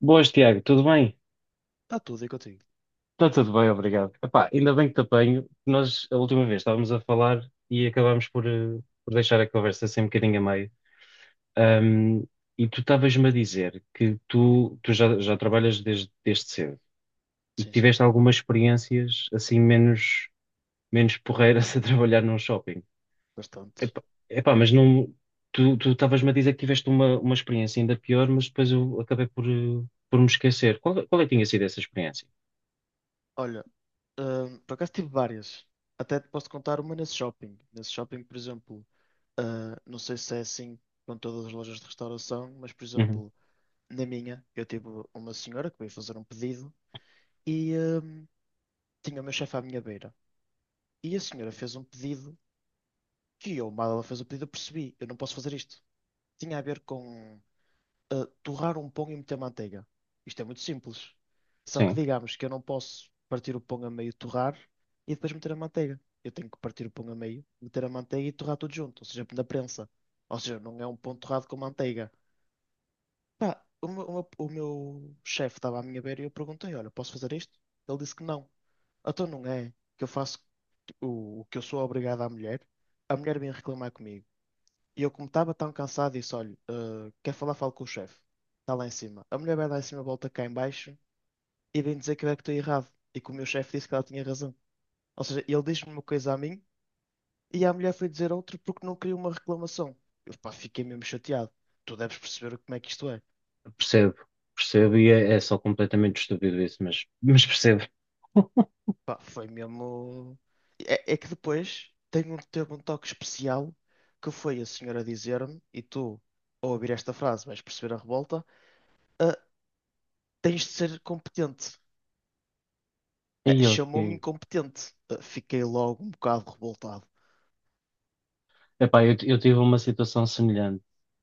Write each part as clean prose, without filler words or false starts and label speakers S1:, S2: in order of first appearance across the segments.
S1: Boas, Tiago, tudo bem?
S2: Está tudo aí contigo.
S1: Está tudo bem, obrigado. Epá, ainda bem que te apanho. Nós, a última vez, estávamos a falar e acabámos por, por deixar a conversa assim um bocadinho a meio. Ahm, e tu estavas-me a dizer que tu já trabalhas desde cedo e que
S2: Sim, sim.
S1: tiveste algumas experiências assim menos porreiras a trabalhar num shopping.
S2: Bastante.
S1: Epá, epá, mas não, tu estavas-me a dizer que tiveste uma experiência ainda pior, mas depois eu acabei por, por me esquecer. Qual é que tinha sido essa experiência?
S2: Olha, por acaso tive várias. Até te posso contar uma nesse shopping. Nesse shopping, por exemplo, não sei se é assim com todas as lojas de restauração, mas, por
S1: Uhum,
S2: exemplo, na minha, eu tive uma senhora que veio fazer um pedido e tinha o meu chefe à minha beira. E a senhora fez um pedido que eu, mal ela fez o pedido, eu percebi, eu não posso fazer isto. Tinha a ver com torrar um pão e meter manteiga. Isto é muito simples. Só que
S1: sim.
S2: digamos que eu não posso partir o pão a meio, torrar e depois meter a manteiga. Eu tenho que partir o pão a meio, meter a manteiga e torrar tudo junto, ou seja, na prensa. Ou seja, não é um pão torrado com manteiga. Pá, o meu chefe estava à minha beira e eu perguntei: Olha, posso fazer isto? Ele disse que não. Então não é que eu faço o que eu sou obrigado à mulher. A mulher vem reclamar comigo. E eu, como estava tão cansado, disse: Olha, quer falar? Falo com o chefe. Está lá em cima. A mulher vai lá em cima, volta cá em baixo e vem dizer que eu é que estou errado. E que o meu chefe disse que ela tinha razão. Ou seja, ele disse-me uma coisa a mim e a mulher foi dizer outra porque não queria uma reclamação. Eu, pá, fiquei mesmo chateado. Tu deves perceber como é que isto é.
S1: Percebo, percebo, e é só completamente estúpido isso, mas percebo.
S2: Pá, foi mesmo. É, é que depois tem um, teve um toque especial que foi a senhora dizer-me, e tu, ao ouvir esta frase, vais perceber a revolta. "Ah, tens de ser competente."
S1: E eu
S2: Chamou-me
S1: que.
S2: incompetente. Fiquei logo um bocado revoltado.
S1: Epá, eu tive uma situação semelhante,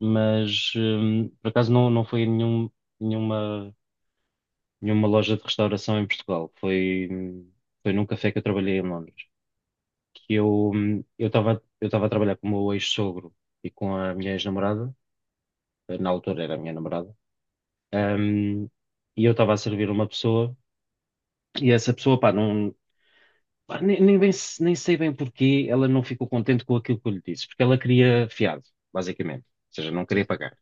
S1: mas por acaso não foi em nenhuma, nenhuma loja de restauração em Portugal. Foi num café que eu trabalhei em Londres. Que eu estava a trabalhar com o meu ex-sogro e com a minha ex-namorada, na altura era a minha namorada, hum, e eu estava a servir uma pessoa, e essa pessoa, pá, não. Pá, nem sei bem porquê ela não ficou contente com aquilo que eu lhe disse, porque ela queria fiado, basicamente. Ou seja, não queria
S2: Sim,
S1: pagar.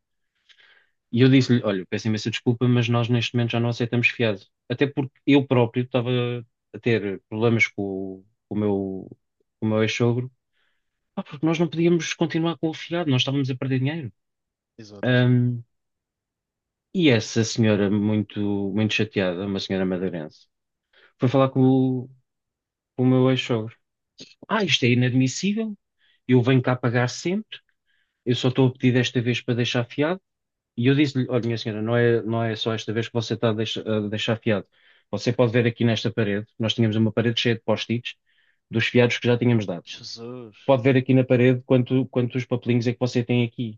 S1: E eu disse-lhe: Olha, peço imensa desculpa, mas nós neste momento já não aceitamos fiado. Até porque eu próprio estava a ter problemas com o meu ex-sogro, pá, porque nós não podíamos continuar com o fiado, nós estávamos a perder dinheiro.
S2: exato, exato.
S1: Ahm, e essa senhora, muito, muito chateada, uma senhora madeirense, foi falar com o meu ex-sogro: Ah, isto é inadmissível, eu venho cá pagar sempre. Eu só estou a pedir desta vez para deixar fiado. E eu disse-lhe, olha, minha senhora, não é só esta vez que você está a deixar fiado. Você pode ver aqui nesta parede, nós tínhamos uma parede cheia de post-its dos fiados que já tínhamos dado.
S2: Jesus,
S1: Pode ver aqui na parede quantos papelinhos é que você tem aqui.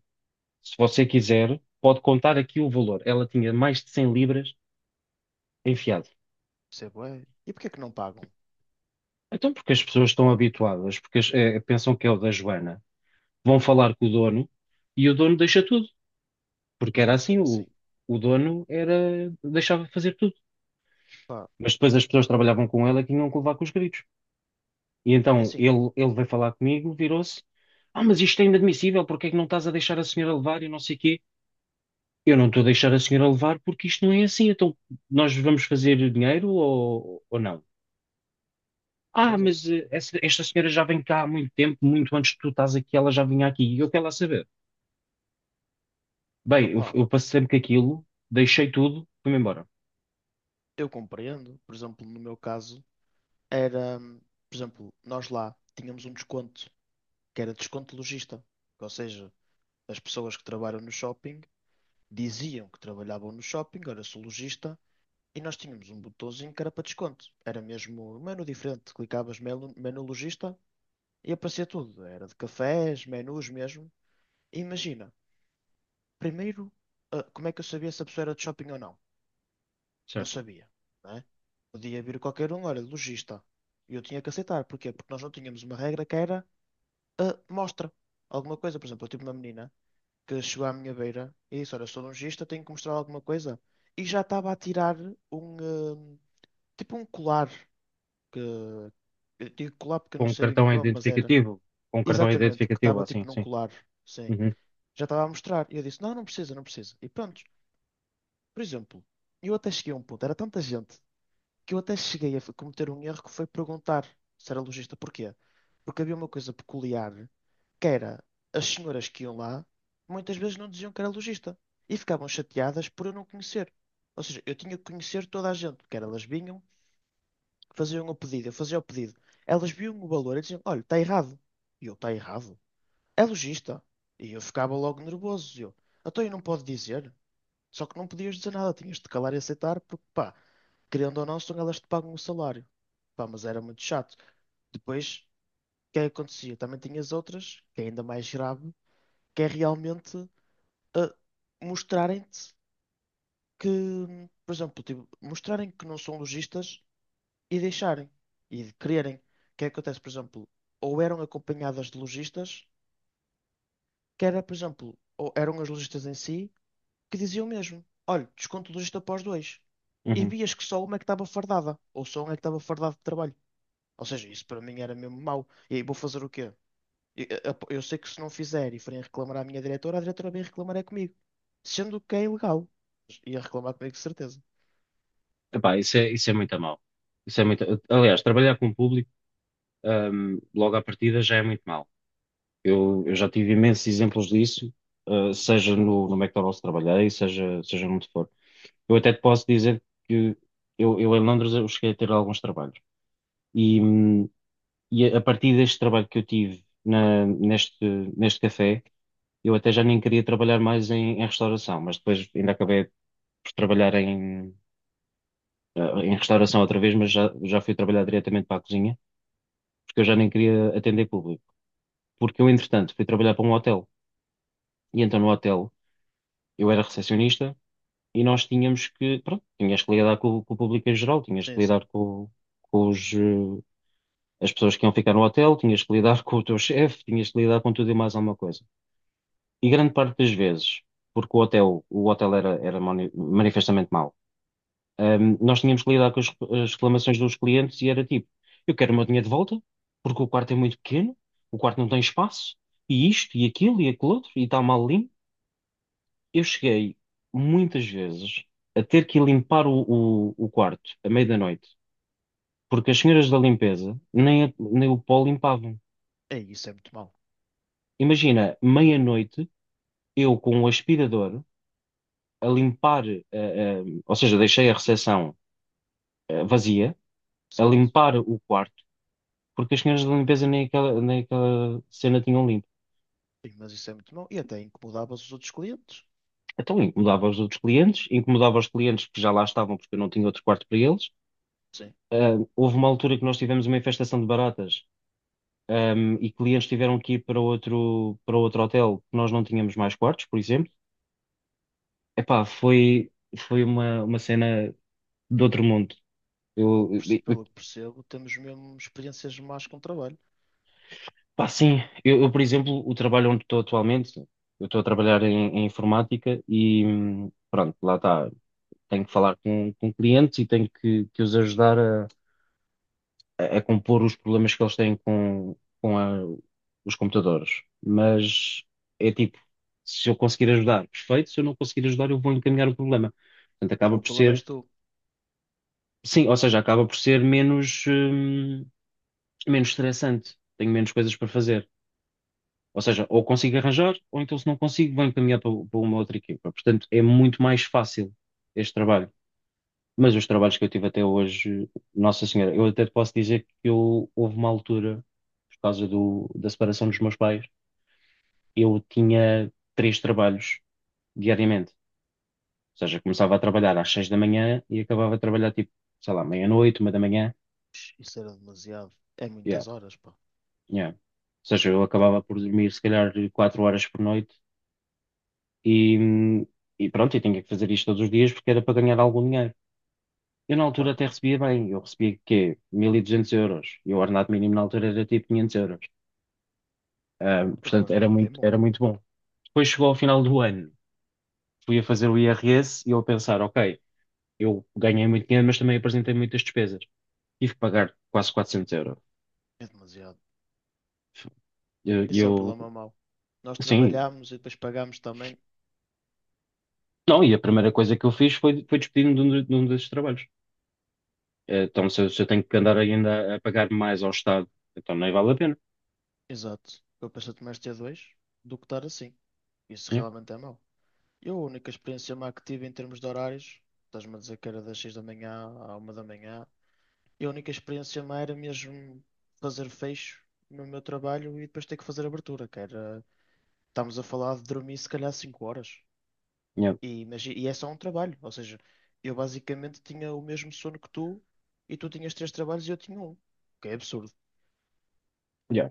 S1: Se você quiser, pode contar aqui o valor. Ela tinha mais de 100 libras em fiado.
S2: isso é bué. E porquê que não pagam?
S1: Então, porque as pessoas estão habituadas, porque pensam que é o da Joana, vão falar com o dono e o dono deixa tudo, porque
S2: Não
S1: era
S2: pode
S1: assim,
S2: ser assim.
S1: o dono era, deixava fazer tudo.
S2: Pá,
S1: Mas depois as pessoas que trabalhavam com ele é que tinham que levar com os gritos. E
S2: é
S1: então
S2: assim,
S1: ele veio falar comigo, virou-se: Ah, mas isto é inadmissível, porque é que não estás a deixar a senhora levar e não sei quê? Eu não estou a deixar a senhora levar porque isto não é assim. Então nós vamos fazer dinheiro ou não? Ah,
S2: joguem.
S1: esta senhora já vem cá há muito tempo, muito antes que tu estás aqui, ela já vinha aqui e eu quero lá saber. Bem, eu,
S2: Opá,
S1: eu passei sempre com aquilo, deixei tudo, fui-me embora,
S2: eu compreendo. Por exemplo, no meu caso, era, por exemplo, nós lá tínhamos um desconto, que era desconto lojista. Ou seja, as pessoas que trabalham no shopping diziam que trabalhavam no shopping, era sou lojista, e nós tínhamos um botãozinho que era para desconto. Era mesmo um menu diferente. Clicavas menu, menu lojista. E aparecia tudo. Era de cafés, menus mesmo. E imagina, primeiro, como é que eu sabia se a pessoa era de shopping ou não? Não
S1: certo?
S2: sabia, não é? Podia vir qualquer um, olha, lojista. E eu tinha que aceitar. Porquê? Porque nós não tínhamos uma regra que era mostra alguma coisa. Por exemplo, eu tive uma menina que chegou à minha beira e disse, olha, sou lojista, tenho que mostrar alguma coisa. E já estava a tirar um, tipo um colar. Que, eu digo colar porque eu
S1: Com
S2: não
S1: um
S2: sei bem o
S1: cartão
S2: nome, mas era
S1: identificativo, com um cartão
S2: exatamente, que
S1: identificativo,
S2: estava
S1: assim,
S2: tipo num
S1: sim.
S2: colar. Sim.
S1: Uhum,
S2: Já estava a mostrar. E eu disse: não, não precisa, não precisa. E pronto. Por exemplo, eu até cheguei a um ponto, era tanta gente, que eu até cheguei a cometer um erro que foi perguntar se era lojista porquê. Porque havia uma coisa peculiar, que era as senhoras que iam lá, muitas vezes não diziam que era lojista. E ficavam chateadas por eu não conhecer. Ou seja, eu tinha que conhecer toda a gente, porque elas vinham, faziam o pedido, eu fazia o pedido. Elas viam o valor e diziam: olha, está errado. E eu: está errado. É lojista. E eu ficava logo nervoso. E eu, então eu não pode dizer. Só que não podias dizer nada, tinhas de calar e aceitar, porque pá, querendo ou não, são elas que te pagam o salário. Pá, mas era muito chato. Depois, o que é que acontecia? Também tinhas outras, que é ainda mais grave, que é realmente ah, mostrarem-te que, por exemplo, tipo, mostrarem que não são lojistas e deixarem, e de quererem. O que é que acontece, por exemplo, ou eram acompanhadas de lojistas, que era, por exemplo, ou eram as lojistas em si, que dizia o mesmo. Olha, desconto do gesto após dois. E
S1: uhum.
S2: vias que só uma é que estava fardada, ou só um é que estava fardado de trabalho. Ou seja, isso para mim era mesmo mau. E aí vou fazer o quê? Eu sei que se não fizer e forem reclamar à minha diretora, a diretora vem reclamar é comigo. Sendo que é ilegal. Ia reclamar comigo de certeza.
S1: Epá, isso é muito a mal. Isso é muito. Aliás, trabalhar com o público, logo à partida já é muito mal. Eu já tive imensos exemplos disso, seja no McDonald's que trabalhei, seja onde for. Eu até te posso dizer que eu em Londres eu cheguei a ter alguns trabalhos. E, hum, e a partir deste trabalho que eu tive neste café, eu até já nem queria trabalhar mais em restauração, mas depois ainda acabei por trabalhar em restauração outra vez, mas já fui trabalhar diretamente para a cozinha. Porque eu já nem queria atender público. Porque eu, entretanto, fui trabalhar para um hotel. E então no hotel eu era recepcionista e nós tínhamos que, pronto, tinhas que lidar com o público em geral, tinhas que
S2: Sim, sim.
S1: lidar com os, eh, as pessoas que iam ficar no hotel, tinhas que lidar com o teu chefe, tinhas que lidar com tudo e mais alguma coisa. E grande parte das vezes, porque o hotel era manifestamente mau. Nós tínhamos que lidar com as reclamações dos clientes e era tipo, eu quero o meu dinheiro de volta, porque o quarto é muito pequeno, o quarto não tem espaço, e isto, e aquilo outro, e está mal limpo. Eu cheguei muitas vezes a ter que limpar o quarto à meia da noite, porque as senhoras da limpeza nem o pó limpavam.
S2: É, isso é muito mau,
S1: Imagina, meia-noite, eu com o aspirador a limpar, ou seja, deixei a recepção vazia, a
S2: certo?
S1: limpar o quarto porque as senhoras da limpeza nem aquela cena tinham limpo.
S2: Sim, mas isso é muito mau. E até incomodava os outros clientes.
S1: Então incomodava os outros clientes, incomodava os clientes que já lá estavam porque eu não tinha outro quarto para eles.
S2: Sim.
S1: Ah, houve uma altura que nós tivemos uma infestação de baratas, e clientes tiveram que ir para outro hotel, que nós não tínhamos mais quartos, por exemplo. Epá, foi uma cena de outro mundo.
S2: Pelo
S1: Eu,
S2: que
S1: eu- eu-
S2: pelo que percebo, temos mesmo experiências más com o trabalho.
S1: Pá, sim, eu, por exemplo, o trabalho onde estou atualmente, eu estou a trabalhar em informática e pronto, lá está. Tenho que falar com clientes e tenho que os ajudar a compor os problemas que eles têm com a- os computadores. Mas é tipo, se eu conseguir ajudar, perfeito, se eu não conseguir ajudar, eu vou encaminhar o problema. Portanto, acaba
S2: O
S1: por
S2: problema
S1: ser,
S2: és tu.
S1: sim, ou seja, acaba por ser menos estressante, tenho menos coisas para fazer. Ou seja, ou consigo arranjar, ou então se não consigo, vou encaminhar para uma outra equipa. Portanto, é muito mais fácil este trabalho. Mas os trabalhos que eu tive até hoje, Nossa Senhora, eu até te posso dizer que houve uma altura, por causa da separação dos meus pais, eu tinha três trabalhos diariamente. Ou seja, começava a trabalhar às 6 da manhã e acabava a trabalhar tipo, sei lá, meia-noite, 1 da manhã.
S2: Isso era demasiado. É
S1: Yeah,
S2: muitas horas, pá.
S1: yeah. Ou seja, eu
S2: Eu,
S1: acabava por dormir se calhar 4 horas por noite e, e pronto, eu tinha que fazer isto todos os dias porque era para ganhar algum dinheiro. Eu na altura
S2: pá,
S1: até recebia bem, eu recebia quê? 1.200 euros e o ordenado mínimo na altura era tipo 500 euros. Portanto,
S2: opa,
S1: era
S2: bem
S1: muito,
S2: bom.
S1: era muito bom. Depois chegou ao final do ano, fui a fazer o IRS e eu a pensar, ok, eu ganhei muito dinheiro, mas também apresentei muitas despesas. Tive que pagar quase 400 euros.
S2: É demasiado.
S1: E eu,
S2: Isso é o problema
S1: eu-
S2: mau. Nós
S1: sim,
S2: trabalhámos e depois pagámos também.
S1: não, e a primeira coisa que eu fiz foi despedir-me de um desses trabalhos. Então, se eu tenho que andar ainda a pagar mais ao Estado, então nem vale a pena.
S2: Exato. Eu pensei mais ter dois do que estar assim. Isso
S1: Yeah,
S2: realmente é mau. Eu, a única experiência má que tive em termos de horários, estás-me a dizer que era das 6 da manhã à 1 da manhã, e a única experiência má era mesmo fazer fecho no meu trabalho e depois ter que fazer abertura, que era. Estamos a falar de dormir se calhar 5 horas.
S1: yeah,
S2: E, mas, e é só um trabalho. Ou seja, eu basicamente tinha o mesmo sono que tu e tu tinhas 3 trabalhos e eu tinha um. Que é absurdo.
S1: yeah.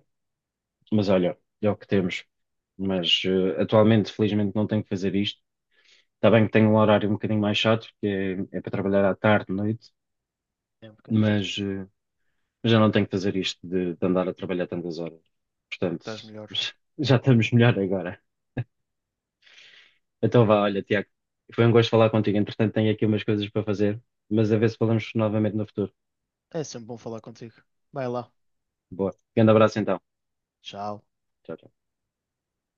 S1: Mas olha, é o que temos. Mas atualmente, felizmente, não tenho que fazer isto. Está bem que tenho um horário um bocadinho mais chato, porque é para trabalhar à tarde, noite,
S2: É um bocadinho chatinho.
S1: mas já não tenho que fazer isto de andar a trabalhar tantas horas. Portanto,
S2: Estás melhor.
S1: já estamos melhor agora. Então vá, olha, Tiago, foi um gosto falar contigo. Entretanto, tenho aqui umas coisas para fazer, mas a ver se falamos novamente no futuro.
S2: É sempre bom falar contigo. Vai lá.
S1: Boa. Grande abraço então.
S2: Tchau.
S1: Tchau, tchau.